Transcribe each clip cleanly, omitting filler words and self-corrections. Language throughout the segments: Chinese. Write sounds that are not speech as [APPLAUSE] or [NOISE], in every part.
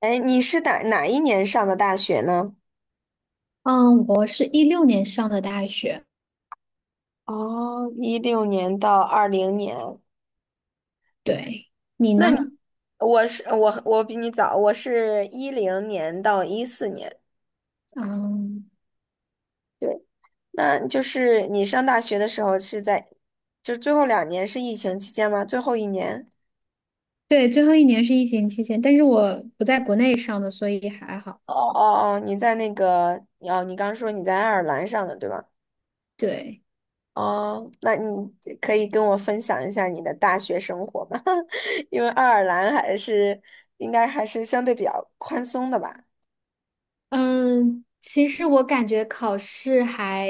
哎，你是哪一年上的大学呢？嗯，我是16年上的大学，哦，一六年到二零年，对，你那呢？你。 [LAUGHS] 我是我比你早，我是一零年到一四年。嗯，对，那就是你上大学的时候是在，就是最后两年是疫情期间吗？最后一年？对，最后一年是疫情期间，但是我不在国内上的，所以还好。哦哦哦，你在那个哦，你刚说你在爱尔兰上的对吧？对。哦，那你可以跟我分享一下你的大学生活吗？[LAUGHS] 因为爱尔兰还是应该还是相对比较宽松的吧？嗯，其实我感觉考试还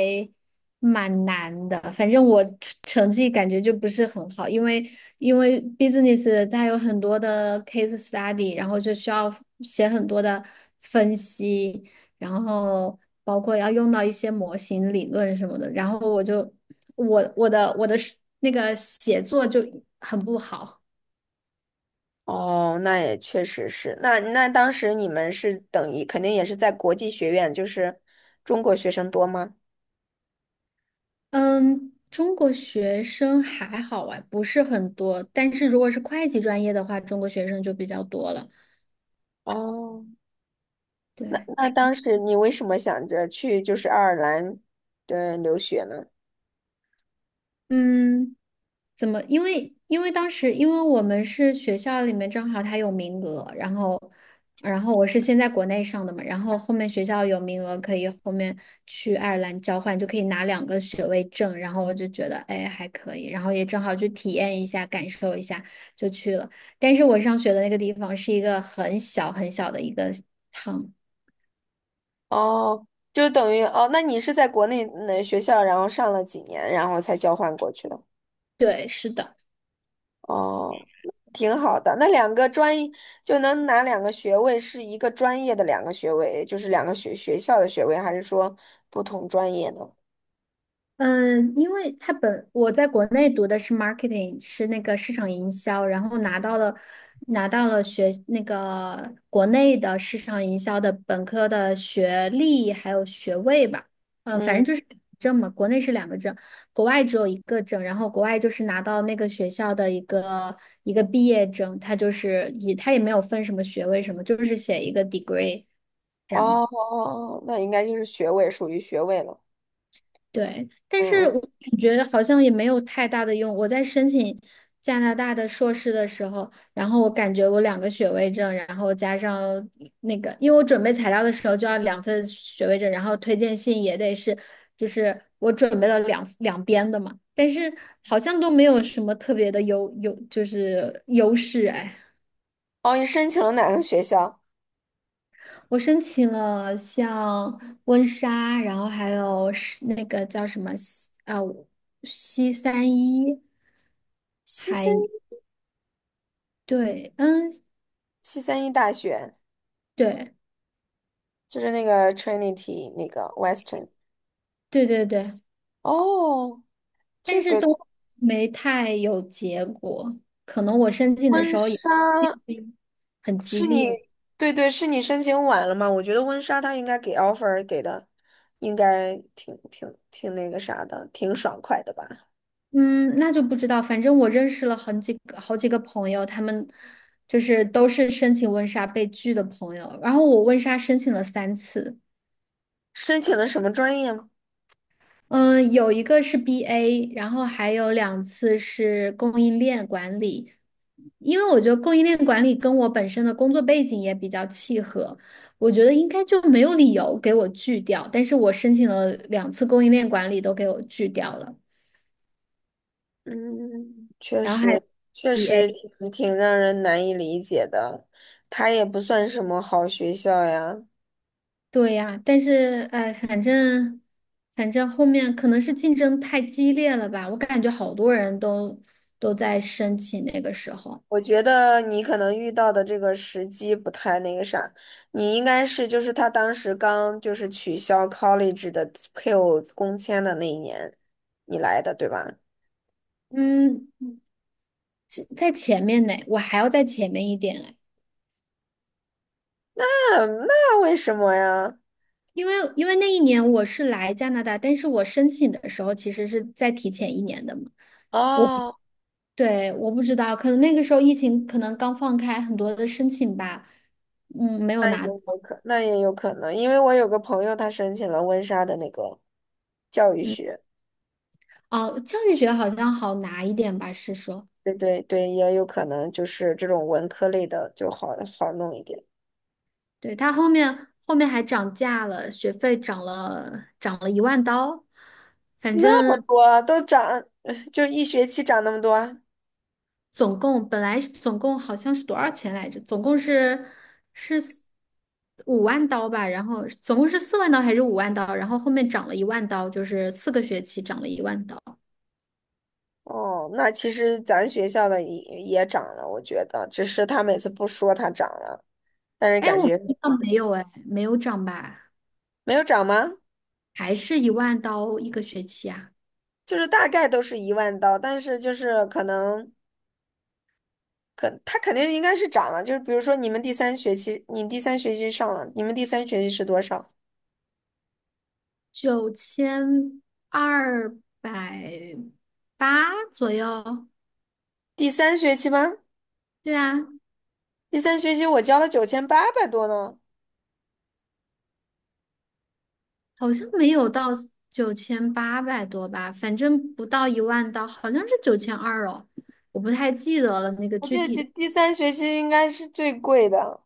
蛮难的，反正我成绩感觉就不是很好，因为 business 它有很多的 case study，然后就需要写很多的分析，然后包括要用到一些模型理论什么的，然后我就我我的我的那个写作就很不好。哦，那也确实是。那当时你们是等于肯定也是在国际学院，就是中国学生多吗？嗯，中国学生还好啊，不是很多，但是如果是会计专业的话，中国学生就比较多了。哦，那对，那当时你为什么想着去就是爱尔兰的留学呢？嗯。怎么？因为当时因为我们是学校里面正好它有名额，然后我是先在国内上的嘛，然后后面学校有名额可以后面去爱尔兰交换，就可以拿两个学位证，然后我就觉得哎还可以，然后也正好去体验一下，感受一下就去了。但是我上学的那个地方是一个很小很小的一个 town，哦，就等于哦，那你是在国内那学校，然后上了几年，然后才交换过去的。对，是的。哦，挺好的。那两个专就能拿两个学位，是一个专业的两个学位，就是两个学校的学位，还是说不同专业呢？嗯，因为他本我在国内读的是 marketing，是那个市场营销，然后拿到了那个国内的市场营销的本科的学历还有学位吧，反正嗯，就是证嘛，国内是两个证，国外只有一个证，然后国外就是拿到那个学校的一个毕业证，他就是他也没有分什么学位什么，就是写一个 degree。这样哦，哦子。哦那应该就是学位，属于学位了。对，但嗯是嗯。我感觉好像也没有太大的用。我在申请加拿大的硕士的时候，然后我感觉我两个学位证，然后加上那个，因为我准备材料的时候就要两份学位证，然后推荐信也得是，就是我准备了两边的嘛，但是好像都没有什么特别的就是优势哎。哦，你申请了哪个学校？我申请了像温莎，然后还有是那个叫什么西三一。西三还对，嗯，西三一大学，对，就是那个 Trinity 那个 Western。对对对，哦，但这是个都没太有结果。可能我申请的婚时候也 纱。[CLEARS THROAT] 很激是烈，你，对对，是你申请晚了嘛？我觉得温莎他应该给 offer 给的，应该挺那个啥的，挺爽快的吧？嗯，那就不知道。反正我认识了很几个好几个朋友，他们就是都是申请温莎被拒的朋友。然后我温莎申请了三次，申请的什么专业吗？嗯，有一个是 BA，然后还有两次是供应链管理。因为我觉得供应链管理跟我本身的工作背景也比较契合，我觉得应该就没有理由给我拒掉。但是我申请了两次供应链管理都给我拒掉了，嗯，确然后还 实确 BA，实挺让人难以理解的。它也不算什么好学校呀。对呀，但是哎，反正后面可能是竞争太激烈了吧，我感觉好多人都在申请那个时候，我觉得你可能遇到的这个时机不太那个啥，你应该是就是他当时刚就是取消 college 的配偶工签的那一年，你来的，对吧？嗯，在前面呢，我还要在前面一点哎嗯那那为什么呀？因为那一年我是来加拿大，但是我申请的时候其实是再提前一年的嘛。哦，对，我不知道，可能那个时候疫情可能刚放开，很多的申请吧，嗯，没有拿，有可那也有可能，因为我有个朋友，他申请了温莎的那个教育嗯，学，哦，教育学好像好拿一点吧，是说，对对对，也有可能就是这种文科类的就好好弄一点。对，它后面还涨价了，学费涨了一万刀，反那么正多都涨，[LAUGHS] 就一学期涨那么多。总共本来是总共好像是多少钱来着？总共是五万刀吧，然后总共是4万刀还是五万刀？然后后面涨了一万刀，就是4个学期涨了一万刀。哦，那其实咱学校的也涨了，我觉得，只是他每次不说它涨了，但是哎，感我不觉知道没有哎，没有涨吧？没有涨吗？还是一万刀一个学期啊？就是大概都是一万刀，但是就是可能。可他肯定应该是涨了，就是比如说你们第三学期，你第三学期上了，你们第三学期是多少？9280左右。第三学期吗？对啊，第三学期我交了九千八百多呢，好像没有到9800多吧，反正不到一万刀，好像是九千二哦，我不太记得了那个我具记得体这的第三学期应该是最贵的。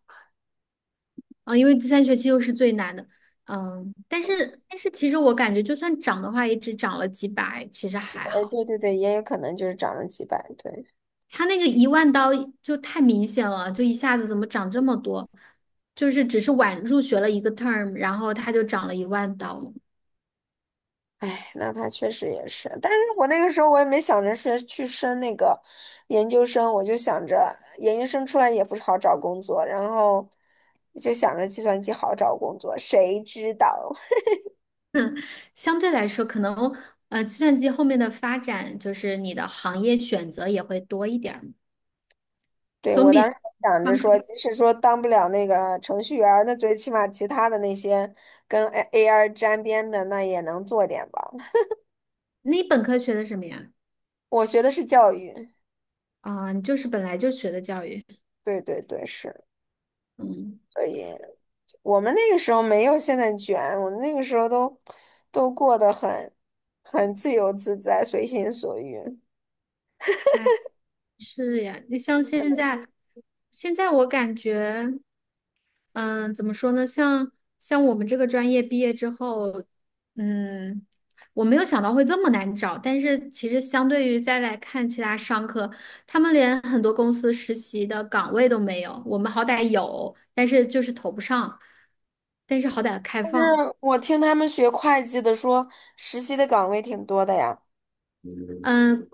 啊，因为第三学期又是最难的，嗯，但是其实我感觉就算涨的话，也只涨了几百，其实还哎，好。对对对，也有可能就是涨了几百，对。它那个一万刀就太明显了，就一下子怎么涨这么多？就是只是晚入学了一个 term，然后它就涨了一万刀。哎，那他确实也是，但是我那个时候我也没想着说去升那个研究生，我就想着研究生出来也不是好找工作，然后就想着计算机好找工作，谁知道？相对来说，可能计算机后面的发展就是你的行业选择也会多一点儿，对，总我当比时还想着上课。说，即使说当不了那个程序员儿，那最起码其他的那些跟 A AR 沾边的，那也能做点吧。你本科学的什么呀？我学的是教育，啊、你就是本来就学的教育。对对对，是。嗯，所以我们那个时候没有现在卷，我们那个时候都过得很自由自在，随心所欲。哎，是呀。你像现在，现在我感觉。嗯，怎么说呢？像我们这个专业毕业之后，嗯，我没有想到会这么难找，但是其实相对于再来看其他商科，他们连很多公司实习的岗位都没有，我们好歹有，但是就是投不上，但是好歹开但放。是我听他们学会计的说，实习的岗位挺多的呀。嗯，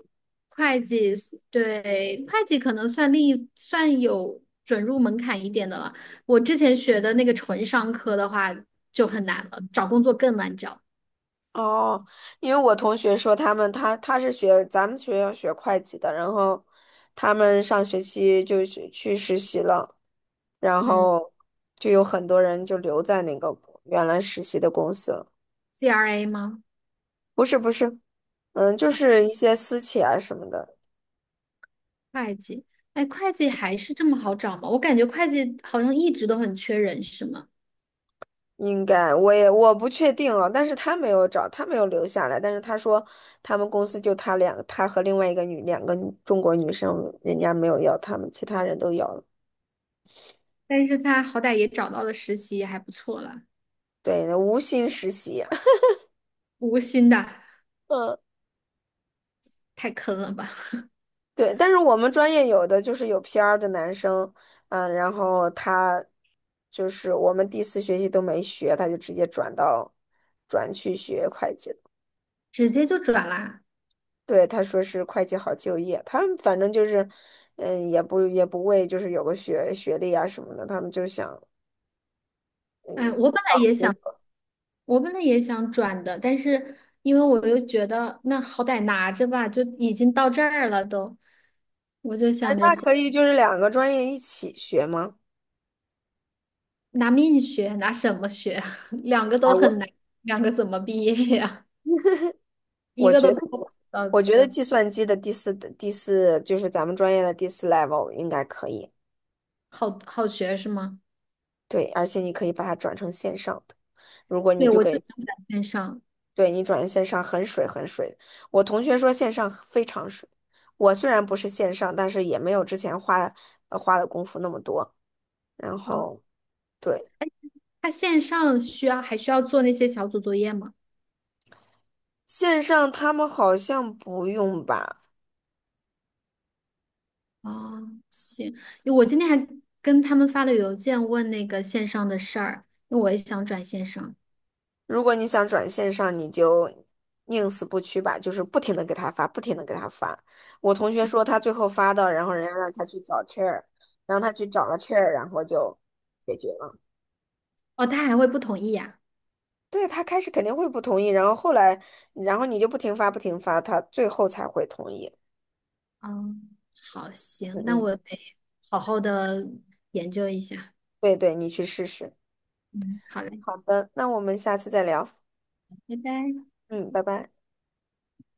会计对会计可能算另一算有准入门槛一点的了。我之前学的那个纯商科的话就很难了，找工作更难找。哦，因为我同学说他们他是学咱们学校学会计的，然后他们上学期就去实习了，然嗯 后就有很多人就留在那个原来实习的公司了。GRA 吗？不是不是，嗯，就是一些私企啊什么的，会计，哎，会计还是这么好找吗？我感觉会计好像一直都很缺人，是吗？应该我也我不确定啊，但是他没有找，他没有留下来，但是他说他们公司就他和另外一个两个女中国女生，人家没有要他们，其他人都要了。但是他好歹也找到了实习，也还不错了。对，无心实习啊。无薪的，嗯太坑了吧，对，但是我们专业有的就是有 PR 的男生，嗯，然后他就是我们第四学期都没学，他就直接转到转去学会计了。[LAUGHS] 直接就转啦。对，他说是会计好就业，他们反正就是，嗯，也不为就是有个学学历啊什么的，他们就想，哎，嗯，我本来也想转的，但是因为我又觉得那好歹拿着吧，就已经到这儿了都，我就哎，想着那先可以就是两个专业一起学吗？拿命学，拿什么学？[LAUGHS] 两个哎，都很我难，两个怎么毕业呀？一我个都。觉得到对。计算机的第四就是咱们专业的第四 level 应该可以。好好学是吗？对，而且你可以把它转成线上的。如果你对，就我就给，想转线上。对，你转成线上很水的。我同学说线上非常水。我虽然不是线上，但是也没有之前花花的功夫那么多。然哦，后对，他线上还需要做那些小组作业吗？线上他们好像不用吧？哦，行，我今天还跟他们发了邮件问那个线上的事儿，因为我也想转线上。如果你想转线上，你就宁死不屈吧，就是不停的给他发，不停的给他发。我同学说他最后发的，然后人家让他去找 chair，让他去找了 chair，然后就解决了。哦，他还会不同意呀？对，他开始肯定会不同意，然后后来，然后你就不停发，他最后才会同意。嗯，好，嗯行，那嗯，我得好好的研究一下。对对，你去试试。嗯，好嘞，好的，那我们下次再聊。拜拜。嗯，拜拜。